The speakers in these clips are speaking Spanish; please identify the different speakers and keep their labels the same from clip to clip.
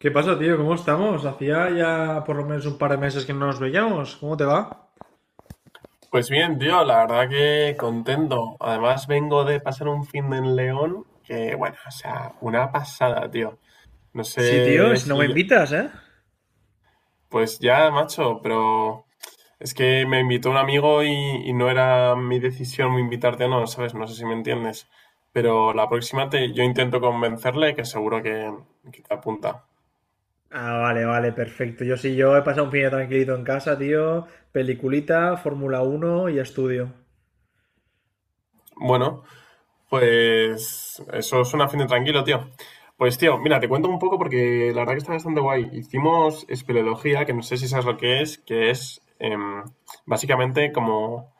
Speaker 1: ¿Qué pasa, tío? ¿Cómo estamos? Hacía ya por lo menos un par de meses que no nos veíamos. ¿Cómo te va?
Speaker 2: Pues bien, tío, la verdad que contento. Además, vengo de pasar un fin de en León que, bueno, o sea, una pasada, tío. No
Speaker 1: Sí, tío,
Speaker 2: sé
Speaker 1: si no me
Speaker 2: si.
Speaker 1: invitas, ¿eh?
Speaker 2: Pues ya, macho, pero es que me invitó un amigo y no era mi decisión invitarte o no, ¿sabes? No sé si me entiendes. Pero la próxima te, yo intento convencerle que seguro que te apunta.
Speaker 1: Ah, vale, vale, perfecto. Yo sí, yo he pasado un fin de tranquilito en casa, tío. Peliculita, Fórmula Uno y estudio.
Speaker 2: Bueno, pues eso suena fin de tranquilo, tío. Pues tío, mira, te cuento un poco porque la verdad que está bastante guay. Hicimos espeleología, que no sé si sabes lo que es básicamente como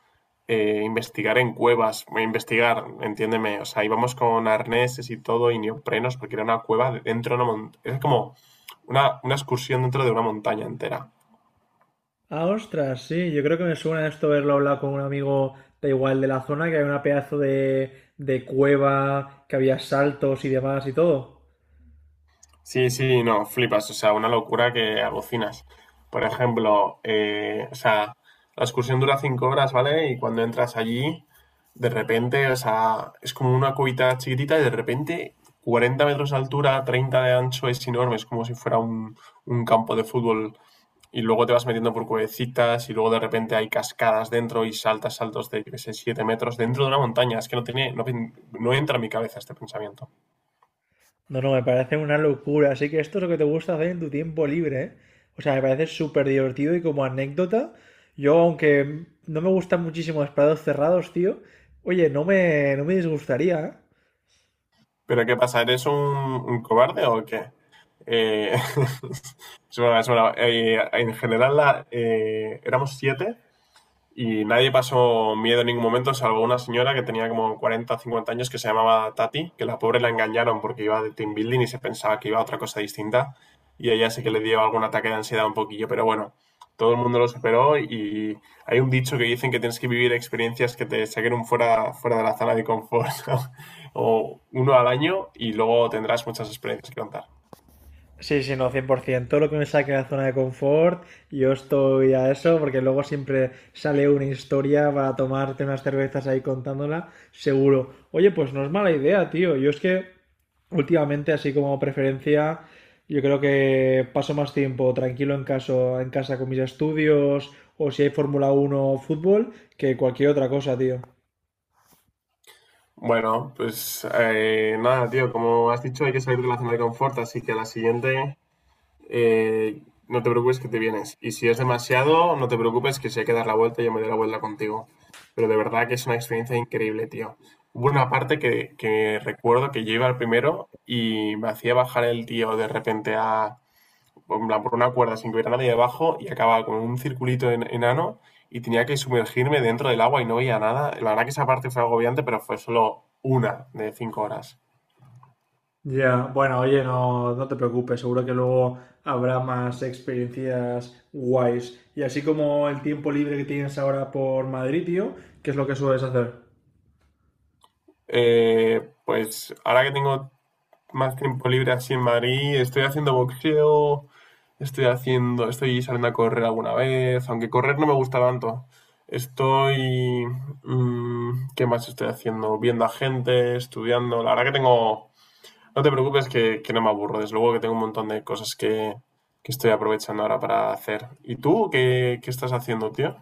Speaker 2: investigar en cuevas, investigar, entiéndeme. O sea, íbamos con arneses y todo y neoprenos porque era una cueva dentro de una montaña. Es como una excursión dentro de una montaña entera.
Speaker 1: Ah, ostras, sí, yo creo que me suena esto haberlo hablado con un amigo da igual de la zona, que hay una pedazo de cueva, que había saltos y demás y todo.
Speaker 2: Sí, sí, no, flipas, o sea, una locura que alucinas. Por ejemplo, o sea, la excursión dura 5 horas, ¿vale? Y cuando entras allí, de repente, o sea, es como una cubita chiquitita y de repente 40 metros de altura, 30 de ancho, es enorme, es como si fuera un campo de fútbol. Y luego te vas metiendo por cuevecitas y luego de repente hay cascadas dentro y saltas saltos de, yo qué sé, 7 metros dentro de una montaña. Es que no tiene, no, no entra en mi cabeza este pensamiento.
Speaker 1: No, no, me parece una locura. Así que esto es lo que te gusta hacer en tu tiempo libre, ¿eh? O sea, me parece súper divertido y como anécdota, yo aunque no me gustan muchísimo los prados cerrados, tío, oye, no me disgustaría, ¿eh?
Speaker 2: ¿Pero qué pasa? ¿Eres un cobarde o qué? Eh, es broma, es broma. En general éramos siete y nadie pasó miedo en ningún momento, salvo una señora que tenía como 40 o 50 años que se llamaba Tati, que la pobre la engañaron porque iba de team building y se pensaba que iba a otra cosa distinta. Y ella sí que le dio algún ataque de ansiedad un poquillo, pero bueno, todo el mundo lo superó y hay un dicho que dicen que tienes que vivir experiencias que te saquen fuera de la zona de confort, ¿no? o uno al año y luego tendrás muchas experiencias que contar.
Speaker 1: Sí, sí, no, 100%. Todo lo que me saque de la zona de confort, yo estoy a eso, porque luego siempre sale una historia para tomarte unas cervezas ahí contándola, seguro. Oye, pues no es mala idea, tío. Yo es que últimamente, así como preferencia, yo creo que paso más tiempo tranquilo en, caso, en casa con mis estudios o si hay Fórmula uno, o fútbol que cualquier otra cosa, tío.
Speaker 2: Bueno, pues nada, tío, como has dicho, hay que salir de la zona de confort, así que la siguiente eh, no te preocupes que te vienes. Y si es demasiado, no te preocupes que si hay que dar la vuelta, yo me doy la vuelta contigo. Pero de verdad que es una experiencia increíble, tío. Hubo una parte que recuerdo que yo iba al primero y me hacía bajar el tío de repente a, en plan, por una cuerda sin que hubiera nadie debajo y acababa con un circulito enano y tenía que sumergirme dentro del agua y no veía nada. La verdad que esa parte fue agobiante, pero fue solo una de 5 horas.
Speaker 1: Ya, bueno, oye, no, no te preocupes, seguro que luego habrá más experiencias guays. Y así como el tiempo libre que tienes ahora por Madrid, tío, ¿qué es lo que sueles hacer?
Speaker 2: Pues ahora que tengo más tiempo libre así en Madrid. Estoy haciendo boxeo, estoy saliendo a correr alguna vez, aunque correr no me gusta tanto. Estoy, ¿qué más estoy haciendo? Viendo a gente, estudiando. La verdad que tengo, no te preocupes que no me aburro. Desde luego que tengo un montón de cosas que estoy aprovechando ahora para hacer. ¿Y tú qué estás haciendo, tío?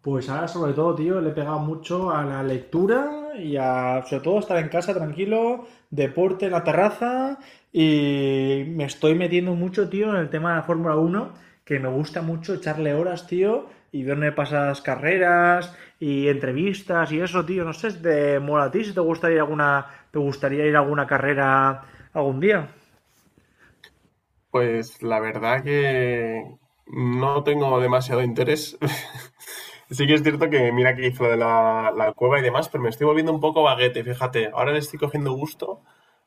Speaker 1: Pues ahora sobre todo, tío, le he pegado mucho a la lectura y a sobre todo estar en casa tranquilo, deporte en la terraza y me estoy metiendo mucho, tío, en el tema de la Fórmula Uno que me gusta mucho echarle horas, tío, y verme pasadas carreras y entrevistas y eso, tío, no sé, de mola a ti si te gustaría ir alguna te gustaría ir a alguna carrera algún día.
Speaker 2: Pues la verdad que no tengo demasiado interés. Sí que es cierto que mira que hizo lo de la cueva y demás, pero me estoy volviendo un poco vaguete. Fíjate. Ahora le estoy cogiendo gusto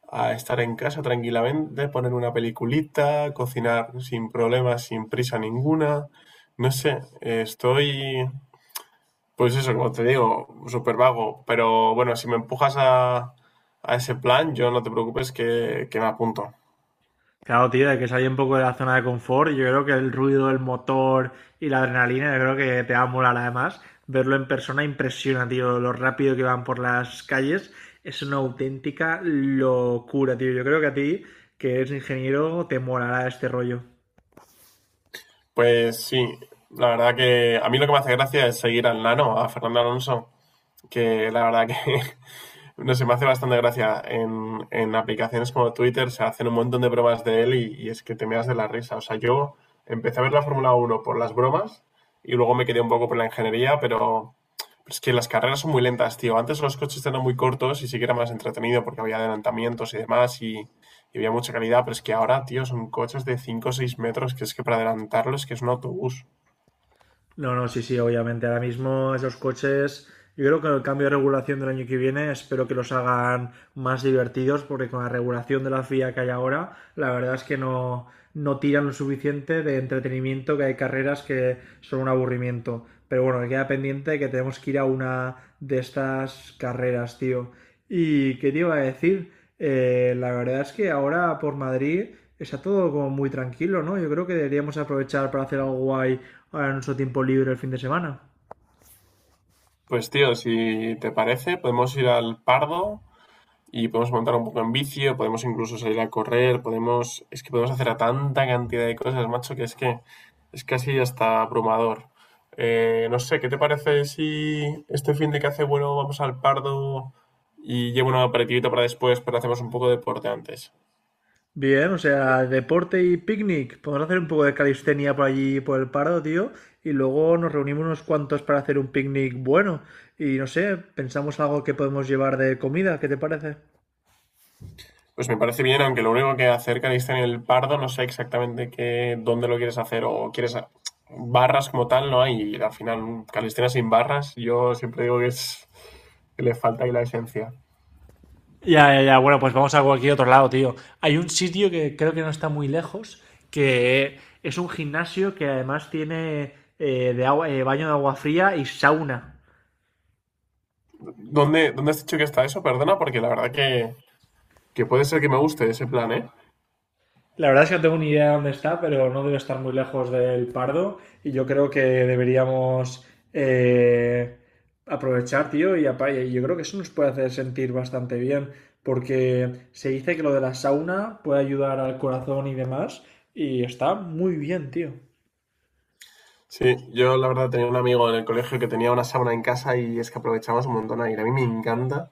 Speaker 2: a estar en casa tranquilamente, poner una peliculita, cocinar sin problemas, sin prisa ninguna. No sé, pues eso, como te digo, súper vago. Pero bueno, si me empujas a ese plan, yo no te preocupes que me apunto.
Speaker 1: Claro, tío, de que salí un poco de la zona de confort. Yo creo que el ruido, el motor y la adrenalina, yo creo que te va a molar además. Verlo en persona impresiona, tío, lo rápido que van por las calles. Es una auténtica locura, tío. Yo creo que a ti, que eres ingeniero, te molará este rollo.
Speaker 2: Pues sí, la verdad que a mí lo que me hace gracia es seguir al nano, a Fernando Alonso que la verdad que no sé, me hace bastante gracia. En aplicaciones como Twitter se hacen un montón de bromas de él y es que te meas de la risa. O sea, yo empecé a ver la Fórmula Uno por las bromas y luego me quedé un poco por la ingeniería, pero es que las carreras son muy lentas, tío. Antes los coches eran muy cortos y sí que era más entretenido porque había adelantamientos y demás y había mucha calidad, pero es que ahora, tío, son coches de 5 o 6 metros que es que para adelantarlos que es un autobús.
Speaker 1: No, no, sí, sí, obviamente. Ahora mismo esos coches, yo creo que el cambio de regulación del año que viene, espero que los hagan más divertidos, porque con la regulación de la FIA que hay ahora, la verdad es que no, no tiran lo suficiente de entretenimiento, que hay carreras que son un aburrimiento. Pero bueno, me queda pendiente que tenemos que ir a una de estas carreras, tío. ¿Y qué te iba a decir? La verdad es que ahora por Madrid está todo como muy tranquilo, ¿no? Yo creo que deberíamos aprovechar para hacer algo guay ahora en nuestro tiempo libre el fin de semana.
Speaker 2: Pues, tío, si te parece, podemos ir al Pardo y podemos montar un poco en vicio, podemos incluso salir a correr, es que podemos hacer a tanta cantidad de cosas, macho, que es casi hasta abrumador. No sé, ¿qué te parece si este fin de que hace bueno vamos al Pardo y llevo una aperitivita para después, pero hacemos un poco de deporte antes?
Speaker 1: Bien, o sea, deporte y picnic. Podemos hacer un poco de calistenia por allí, por el Pardo, tío. Y luego nos reunimos unos cuantos para hacer un picnic bueno. Y no sé, pensamos algo que podemos llevar de comida. ¿Qué te parece?
Speaker 2: Pues me parece bien, aunque lo único que acerca de en el Pardo no sé exactamente qué, dónde lo quieres hacer o quieres barras como tal no hay y al final un calistenia sin barras yo siempre digo que es que le falta ahí la esencia.
Speaker 1: Ya, ya, ya. Bueno, pues vamos a cualquier otro lado, tío. Hay un sitio que creo que no está muy lejos, que es un gimnasio que además tiene de agua- baño de agua fría y sauna.
Speaker 2: ¿Dónde has dicho que está eso? Perdona, porque la verdad que puede ser que me guste ese plan, ¿eh?
Speaker 1: La verdad es que no tengo ni idea de dónde está, pero no debe estar muy lejos del Pardo y yo creo que deberíamos eh, aprovechar, tío, y apa- y yo creo que eso nos puede hacer sentir bastante bien, porque se dice que lo de la sauna puede ayudar al corazón y demás, y está muy bien, tío.
Speaker 2: Sí, yo la verdad tenía un amigo en el colegio que tenía una sauna en casa y es que aprovechábamos un montón a ir. A mí me encanta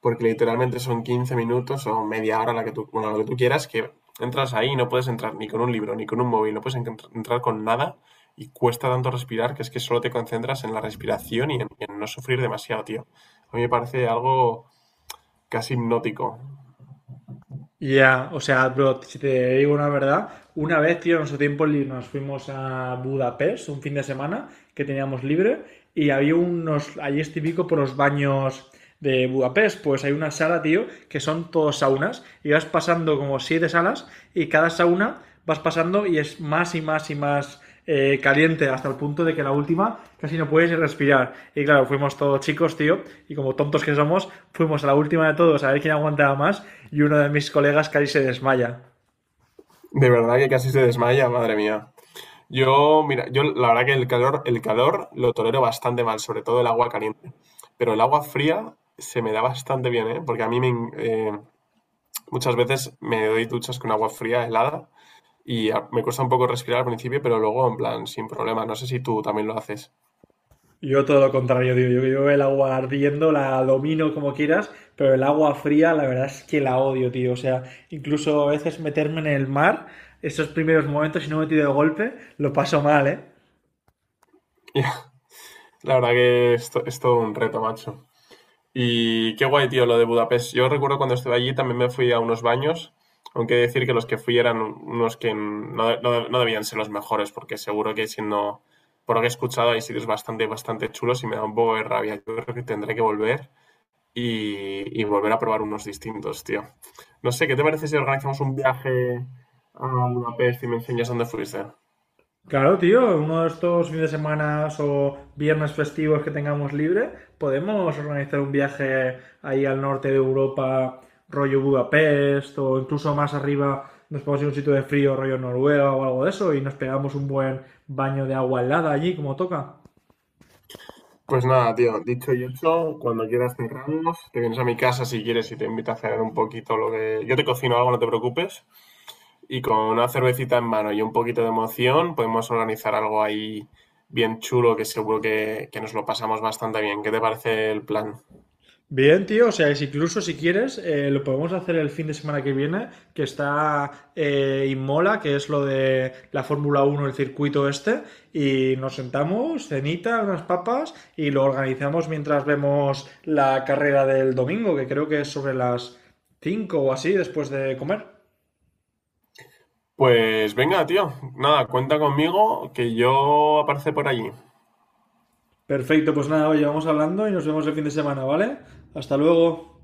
Speaker 2: porque literalmente son 15 minutos o media hora, la que tú, bueno, lo que tú quieras, que entras ahí y no puedes entrar ni con un libro, ni con un móvil, no puedes entrar con nada y cuesta tanto respirar que es que solo te concentras en la respiración y en no sufrir demasiado, tío. A mí me parece algo casi hipnótico.
Speaker 1: Ya, o sea, bro, si te digo una verdad, una vez, tío, en nuestro tiempo libre nos fuimos a Budapest un fin de semana que teníamos libre y había unos, ahí es típico por los baños de Budapest, pues hay una sala, tío, que son todos saunas y vas pasando como siete salas y cada sauna vas pasando y es más y más y más caliente hasta el punto de que la última casi no puedes respirar. Y claro, fuimos todos chicos, tío, y como tontos que somos, fuimos a la última de todos a ver quién aguantaba más y uno de mis colegas casi se desmaya.
Speaker 2: De verdad que casi se desmaya, madre mía. Yo, mira, yo la verdad que el calor lo tolero bastante mal, sobre todo el agua caliente. Pero el agua fría se me da bastante bien, ¿eh? Porque a mí muchas veces me doy duchas con agua fría, helada, y me cuesta un poco respirar al principio, pero luego, en plan, sin problema. No sé si tú también lo haces.
Speaker 1: Yo todo lo contrario, tío. Yo el agua ardiendo la domino como quieras, pero el agua fría la verdad es que la odio, tío. O sea, incluso a veces meterme en el mar, esos primeros momentos, si no me tiro de golpe, lo paso mal, ¿eh?
Speaker 2: La verdad que esto es todo un reto, macho. Y qué guay, tío, lo de Budapest. Yo recuerdo cuando estuve allí también me fui a unos baños, aunque he de decir que los que fui eran unos que no debían ser los mejores, porque seguro que siendo, por lo que he escuchado, hay sitios bastante, bastante chulos y me da un poco de rabia. Yo creo que tendré que volver y volver a probar unos distintos, tío. No sé, ¿qué te parece si organizamos un viaje a Budapest y me enseñas dónde fuiste?
Speaker 1: Claro, tío, uno de estos fines de semana o viernes festivos que tengamos libre, podemos organizar un viaje ahí al norte de Europa, rollo Budapest, o incluso más arriba nos podemos ir a un sitio de frío, rollo Noruega o algo de eso, y nos pegamos un buen baño de agua helada allí, como toca.
Speaker 2: Pues nada, tío, dicho y hecho, cuando quieras cerramos, te vienes a mi casa si quieres y te invito a cenar un poquito lo que. Yo te cocino algo, no te preocupes, y con una cervecita en mano y un poquito de emoción podemos organizar algo ahí bien chulo que seguro que nos lo pasamos bastante bien. ¿Qué te parece el plan?
Speaker 1: Bien, tío, o sea, es incluso si quieres, lo podemos hacer el fin de semana que viene, que está Inmola, que es lo de la Fórmula Uno el circuito este, y nos sentamos, cenita, unas papas, y lo organizamos mientras vemos la carrera del domingo, que creo que es sobre las 5 o así, después de comer.
Speaker 2: Pues venga, tío, nada, cuenta conmigo que yo aparece por allí.
Speaker 1: Perfecto, pues nada, oye, vamos hablando y nos vemos el fin de semana, ¿vale? Hasta luego.